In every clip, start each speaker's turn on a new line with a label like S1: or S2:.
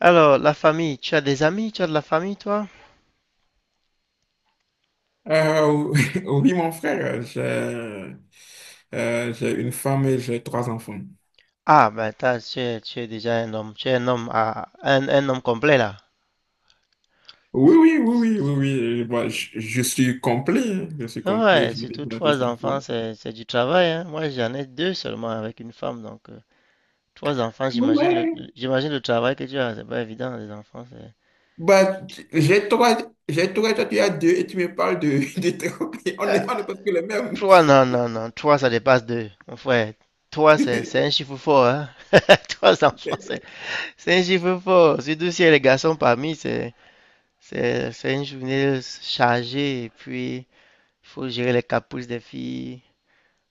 S1: Alors, la famille, tu as des amis, tu as de la famille, toi?
S2: Euh, oui, mon frère, j'ai une femme et j'ai trois enfants.
S1: Ah, ben, t'as, tu es déjà un homme, tu es un homme, à, un homme complet, là.
S2: Oui, oui, oui, oui, oui, oui. Bah, je suis complet, hein. Je suis complet,
S1: Ouais,
S2: je
S1: surtout
S2: je tout ce
S1: trois
S2: qu'il
S1: enfants,
S2: faut.
S1: c'est du travail, hein. Moi, j'en ai deux seulement avec une femme, donc, trois enfants, j'imagine
S2: Ouais.
S1: j'imagine le travail que tu as, c'est pas évident, les enfants, c'est…
S2: Bah, j'ai trois, toi tu as deux et tu me parles de, de trois. On est presque les mêmes.
S1: Trois, non, non, non, trois, ça dépasse deux, mon frère. Trois, c'est un chiffre fort, hein. Trois enfants, c'est un chiffre fort. Surtout s'il y a les garçons parmi, c'est une journée chargée, et puis… faut gérer les caprices des filles.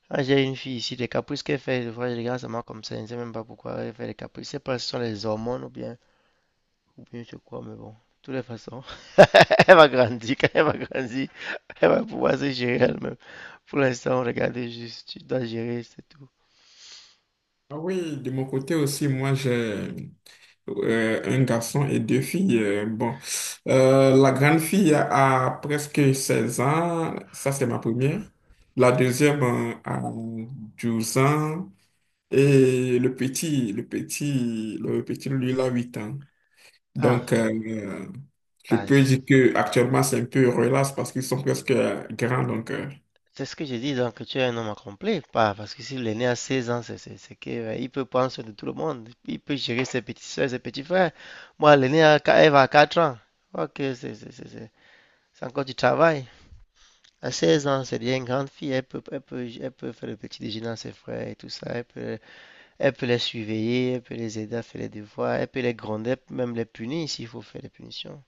S1: Ah, j'ai une fille ici, les caprices qu'elle fait, des fois je regarde seulement comme ça, je ne sais même pas pourquoi elle fait les caprices. Je sais pas si ce sont les hormones ou bien, je sais quoi, mais bon. De toutes les façons, elle va grandir, quand elle va grandir, elle va pouvoir se gérer elle-même. Pour l'instant, regardez juste, tu dois gérer, c'est tout.
S2: Ah oui, de mon côté aussi, moi j'ai un garçon et deux filles. Bon, la grande fille a presque 16 ans, ça c'est ma première. La deuxième a 12 ans et le petit lui il a 8 ans. Donc
S1: Ah,
S2: euh, je
S1: bah,
S2: peux dire que actuellement c'est un peu relax parce qu'ils sont presque grands donc.
S1: c'est ce que j'ai dit, donc tu es un homme accompli, pas parce que s'il est né à 16 ans, il peut prendre soin de tout le monde, il peut gérer ses petites soeurs, ses petits frères. Moi, elle est née à, elle va à 4 ans, ok, c'est encore du travail. À 16 ans, c'est déjà une grande fille, elle peut faire le petit déjeuner à ses frères et tout ça, elle peut les surveiller, elle peut les aider à faire les devoirs, elle peut les gronder, elle peut même les punir s'il faut faire des punitions.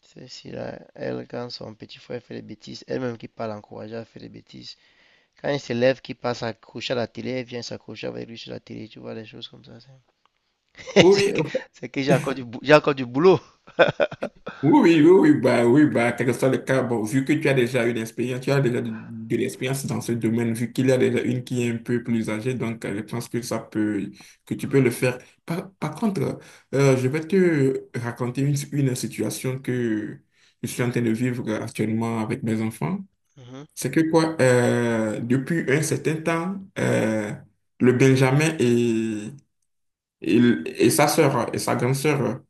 S1: C'est si là, elle, quand son petit frère fait des bêtises, elle-même qui parle l'encourager à faire des bêtises. Quand il s'élève, qui passe accroché à la télé, elle vient s'accrocher avec lui sur la télé, tu vois, des choses comme ça. C'est
S2: Oui,
S1: que,
S2: oui,
S1: c'est que j'ai encore du boulot.
S2: Oui, oui, bah, oui, bah, quel que soit le cas, bon, vu que tu as déjà eu expérience, tu as déjà de l'expérience dans ce domaine, vu qu'il y a déjà une qui est un peu plus âgée, donc je pense que tu peux le faire. Par contre, je vais te raconter une situation que je suis en train de vivre actuellement avec mes enfants.
S1: Mhm,
S2: C'est que quoi, depuis un certain temps, le Benjamin et, et sa sœur, et sa grande sœur,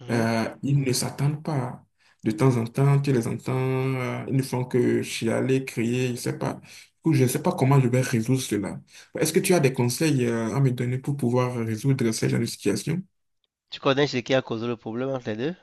S1: mhm.
S2: ils ne s'attendent pas. De temps en temps, tu les entends, ils ne font que chialer, crier, je ne sais pas. Du coup, je ne sais pas comment je vais résoudre cela. Est-ce que tu as des conseils, à me donner pour pouvoir résoudre ce genre de situation?
S1: Tu connais ce qui a causé le problème entre les deux?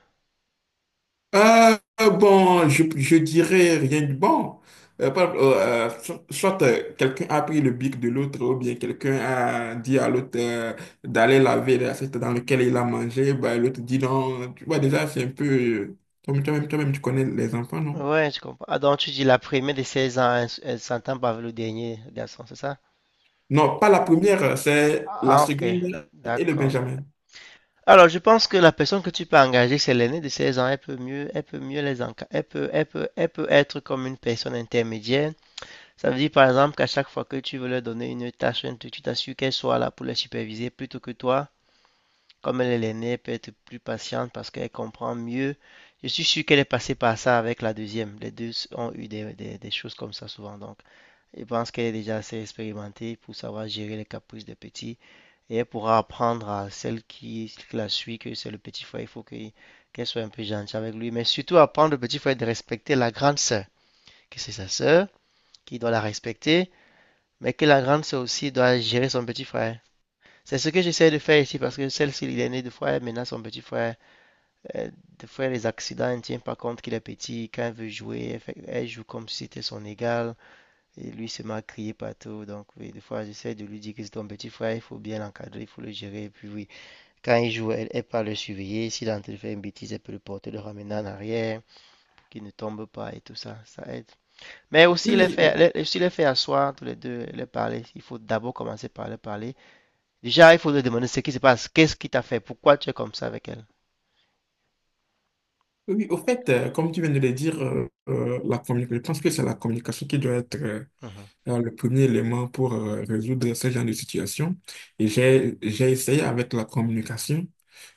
S2: Euh, bon, je dirais rien de bon. Soit quelqu'un a pris le bic de l'autre ou bien quelqu'un a dit à l'autre d'aller laver l'assiette dans laquelle il a mangé, bah, l'autre dit non. Tu vois, déjà, c'est un peu... Toi-même, toi-même, toi-même, tu connais les enfants, non?
S1: Ouais, je comprends. Ah, donc tu dis la première de 16 ans, elle, elle s'entend pas avec le dernier garçon, c'est ça?
S2: Non, pas la première, c'est la
S1: Ah, ok,
S2: seconde et le
S1: d'accord.
S2: Benjamin.
S1: Alors, je pense que la personne que tu peux engager, c'est l'aînée de 16 ans. Elle peut mieux Elle peut, elle peut être comme une personne intermédiaire. Ça veut dire par exemple qu'à chaque fois que tu veux leur donner une tâche, un truc, tu t'assures qu'elle soit là pour la superviser plutôt que toi. Comme elle est l'aînée, elle peut être plus patiente parce qu'elle comprend mieux. Je suis sûr qu'elle est passée par ça avec la deuxième. Les deux ont eu des choses comme ça souvent. Donc, je pense qu'elle est déjà assez expérimentée pour savoir gérer les caprices des petits. Et elle pourra apprendre à celle qui, la suit que c'est le petit frère. Qu'elle soit un peu gentille avec lui. Mais surtout apprendre au petit frère de respecter la grande sœur, que c'est sa sœur, qui doit la respecter mais que la grande sœur aussi doit gérer son petit frère. C'est ce que j'essaie de faire ici parce que celle-ci, il est né de frère, maintenant son petit frère, euh, des fois les accidents, elle ne tient pas compte qu'il est petit, quand elle veut jouer, elle joue comme si c'était son égal, et lui se met à crier partout, donc oui, des fois j'essaie de lui dire que c'est ton petit frère, il faut bien l'encadrer, il faut le gérer, et puis oui, quand il joue, elle, elle pas le surveiller, s'il est en train de faire une bêtise, elle peut le porter, le ramener en arrière, qu'il ne tombe pas et tout ça, ça aide. Mais
S2: Oui,
S1: aussi les
S2: oui, oui,
S1: faire, les, aussi les faire asseoir tous les deux, les parler, il faut d'abord commencer par les parler. Déjà, il faut te demander ce qui se passe. Qu'est-ce qui t'a fait? Pourquoi tu es comme ça avec elle?
S2: oui. Au fait, comme tu viens de le dire, la communication, je pense que c'est la communication qui doit être
S1: Mhm,
S2: le premier élément pour résoudre ce genre de situation. Et j'ai essayé avec la communication.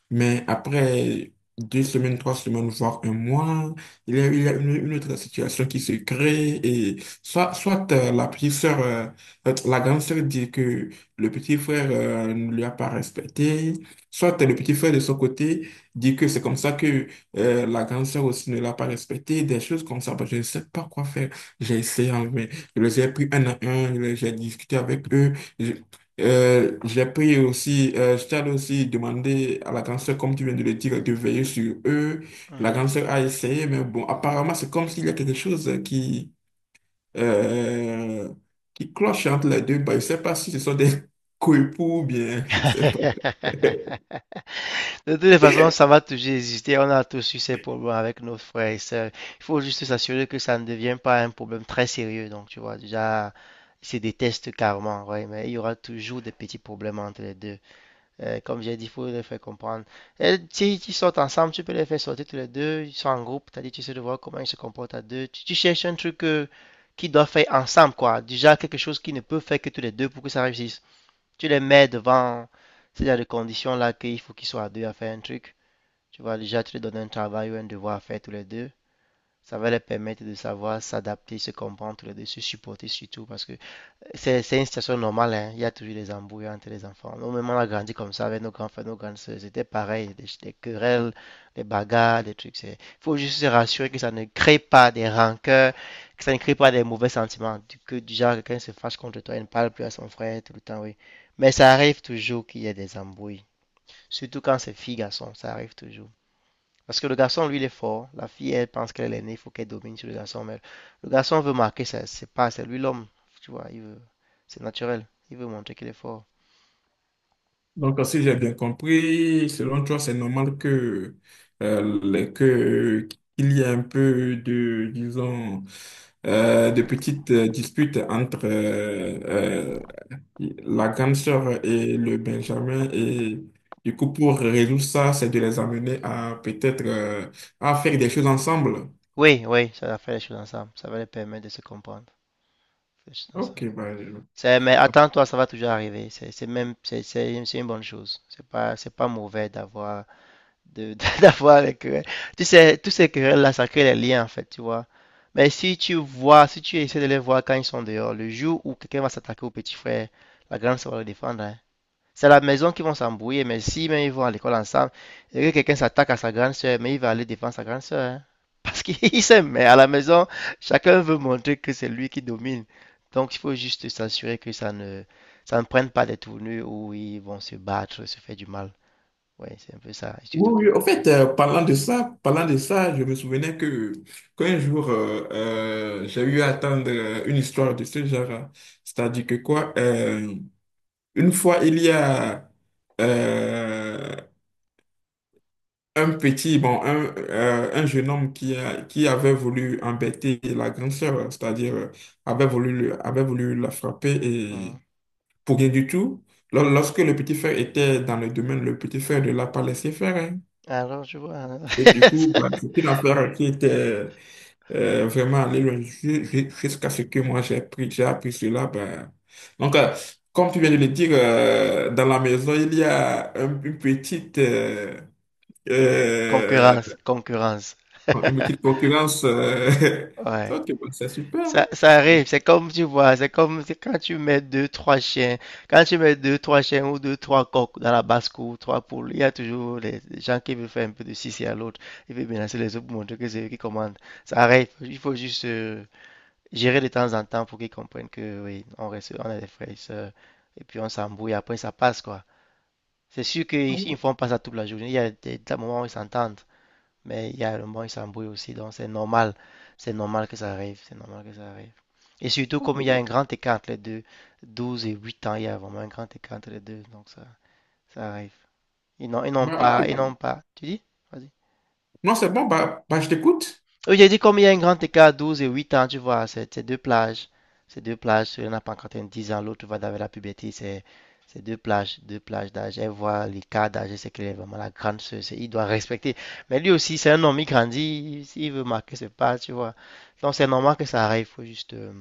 S2: Mais après deux semaines, trois semaines, voire un mois, il y a une autre situation qui se crée et soit la grande sœur dit que le petit frère ne lui a pas respecté, soit le petit frère de son côté dit que c'est comme ça que la grande sœur aussi ne l'a pas respecté, des choses comme ça. Bah, je ne sais pas quoi faire. J'ai essayé, hein, mais je les ai pris un à un, j'ai discuté avec eux. J'ai pris aussi, je t'avais aussi demandé à la grande sœur, comme tu viens de le dire, de veiller sur eux. La
S1: mhm.
S2: grande sœur a essayé, mais bon, apparemment, c'est comme s'il y a quelque chose euh, qui cloche entre les deux. Bah, je sais pas si ce sont des coépoux ou bien, je sais pas.
S1: De toutes les façons, ça va toujours exister. On a tous eu ces problèmes avec nos frères et sœurs. Il faut juste s'assurer que ça ne devient pas un problème très sérieux. Donc, tu vois, déjà, ils se détestent carrément, ouais, mais il y aura toujours des petits problèmes entre les deux. Comme j'ai dit, il faut les faire comprendre. Et si ils sortent ensemble, tu peux les faire sortir tous les deux. Ils sont en groupe, t'as dit, tu sais de voir comment ils se comportent à deux. Tu cherches un truc qu'ils doivent faire ensemble, quoi. Déjà, quelque chose qu'ils ne peuvent faire que tous les deux pour que ça réussisse. Tu les mets devant ces genre de conditions-là qu'il faut qu'ils soient à deux à faire un truc. Tu vois, déjà, tu leur donnes un travail ou un devoir à faire tous les deux. Ça va leur permettre de savoir s'adapter, se comprendre tous les deux, se supporter surtout parce que c'est une situation normale, hein. Il y a toujours des embrouilles entre les enfants. Nous-mêmes, on a grandi comme ça avec nos grands frères, nos grandes sœurs. C'était pareil, des querelles, des bagarres, des trucs. Il faut juste se rassurer que ça ne crée pas des rancœurs, que ça ne crée pas des mauvais sentiments. Du genre, quelqu'un se fâche contre toi il ne parle plus à son frère tout le temps, oui. Mais ça arrive toujours qu'il y ait des embrouilles. Surtout quand c'est filles, garçons, ça arrive toujours. Parce que le garçon, lui, il est fort. La fille, elle pense qu'elle est née, il faut qu'elle domine sur le garçon. Mais le garçon veut marquer, ça, c'est pas, c'est lui l'homme. Tu vois, c'est naturel. Il veut montrer qu'il est fort.
S2: Donc, si j'ai bien compris, selon toi, c'est normal que, euh, les- que, qu'il y ait un peu de, disons, de petites disputes entre la grande sœur et le Benjamin. Et du coup, pour résoudre ça, c'est de les amener à peut-être à faire des choses ensemble.
S1: Oui, oui, ça va faire les choses ensemble. Ça va les permettre de se comprendre. Faire les choses
S2: Ok,
S1: ensemble.
S2: bah,
S1: Mais attends-toi, ça va toujours arriver. C'est une bonne chose. C'est pas mauvais d'avoir. De, d'avoir les querelles. Tu sais, tous ces querelles-là, ça crée les liens, en fait, tu vois. Si tu essaies de les voir quand ils sont dehors, le jour où quelqu'un va s'attaquer au petit frère, la grande sœur va le défendre, hein. C'est à la maison qu'ils vont s'embrouiller, mais si même ils vont à l'école ensemble, et que quelqu'un s'attaque à sa grande sœur, mais il va aller défendre sa grande sœur, hein. Parce qu'ils s'aiment, mais à la maison, chacun veut montrer que c'est lui qui domine. Donc il faut juste s'assurer que ça ne prenne pas des tournures où ils vont se battre, se faire du mal. Ouais, c'est un peu ça. Et surtout que
S2: oui, oui,
S1: le
S2: en
S1: petit…
S2: fait, parlant de ça, je me souvenais que qu'un jour, j'ai eu à attendre une histoire de ce genre. Hein. C'est-à-dire que quoi, une fois, il y a euh, un petit, bon, un jeune homme qui, qui avait voulu embêter la grande sœur, c'est-à-dire avait avait voulu la frapper
S1: Mhm.
S2: et pour rien du tout. Lorsque le petit frère était dans le domaine, le petit frère ne l'a pas laissé faire. Hein.
S1: Alors, je vois, hein.
S2: Et du coup, bah, c'est une affaire qui était vraiment allée loin jusqu'à ce que moi j'ai appris cela. Bah. Donc, comme tu viens de le dire, dans la maison, il y a une petite... euh,
S1: Concurrence, concurrence.
S2: bon, une petite concurrence.
S1: Ouais.
S2: Ok, bon, c'est super.
S1: Ça,
S2: C'est
S1: ça
S2: super.
S1: arrive, c'est comme tu vois, c'est comme c'est quand tu mets deux, trois chiens ou deux, trois coqs dans la basse-cour, trois poules, il y a toujours les gens qui veulent faire un peu de sissi à l'autre, ils veulent menacer les autres pour montrer que c'est eux qui commandent. Ça arrive, il faut juste gérer de temps en temps pour qu'ils comprennent que oui, on reste, on est des frères et sœurs, et puis on s'embrouille, après ça passe quoi. C'est sûr
S2: Ah
S1: qu'ils
S2: oui,
S1: ils ne font pas ça toute la journée, il y a des moments où ils s'entendent. Mais il y a le moment, il s'embrouille aussi, donc c'est normal. C'est normal que ça arrive. C'est normal que ça arrive. Et surtout, comme il y a
S2: ok.
S1: un grand écart entre les deux, 12 et 8 ans, il y a vraiment un grand écart entre les deux, donc ça arrive.
S2: Bah, ok.
S1: Ils n'ont pas. Tu dis? Vas-y.
S2: Non, c'est bon, bah, bah, je t'écoute.
S1: Oui, j'ai dit comme il y a un grand écart, 12 et 8 ans, tu vois, c'est deux plages. Ces deux plages, celui-là n'a pas encore atteint 10 ans, l'autre va vers la puberté, c'est deux plages d'âge. Elle voit l'écart d'âge, c'est qu'elle est vraiment la grande sœur, il doit respecter. Mais lui aussi, c'est un homme, il grandit, s'il veut marquer ce pas, tu vois. Donc c'est normal que ça arrive,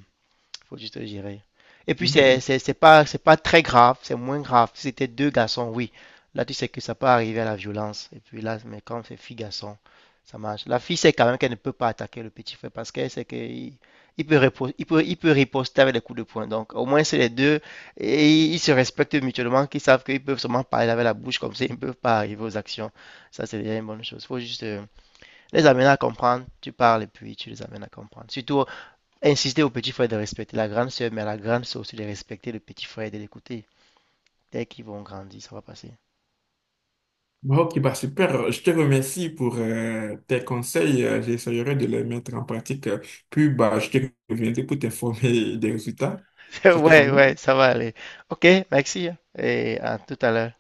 S1: faut juste le gérer. Et puis,
S2: Mhm.
S1: c'est pas très grave, c'est moins grave. Si c'était deux garçons, oui. Là, tu sais que ça peut arriver à la violence. Et puis là, mais quand c'est fille-garçon, ça marche. La fille sait quand même qu'elle ne peut pas attaquer le petit frère parce qu'elle sait qu'il il peut, il peut riposter avec les coups de poing. Donc, au moins, c'est les deux. Et ils se respectent mutuellement, qu'ils savent qu'ils peuvent seulement parler avec la bouche comme ça, ils ne peuvent pas arriver aux actions. Ça, c'est déjà une bonne chose. Il faut juste les amener à comprendre. Tu parles et puis tu les amènes à comprendre. Surtout insister au petit frère de respecter la grande sœur, mais à la grande sœur aussi de respecter le petit frère et de l'écouter. Dès qu'ils vont grandir, ça va passer.
S2: Bah, ok, bah, super. Je te remercie pour tes conseils. J'essaierai de les mettre en pratique. Puis, bah, je te reviendrai pour t'informer des résultats. Ça te
S1: Ouais,
S2: convient?
S1: ouais, ça va aller. Ok, merci, hein. Et à tout à l'heure.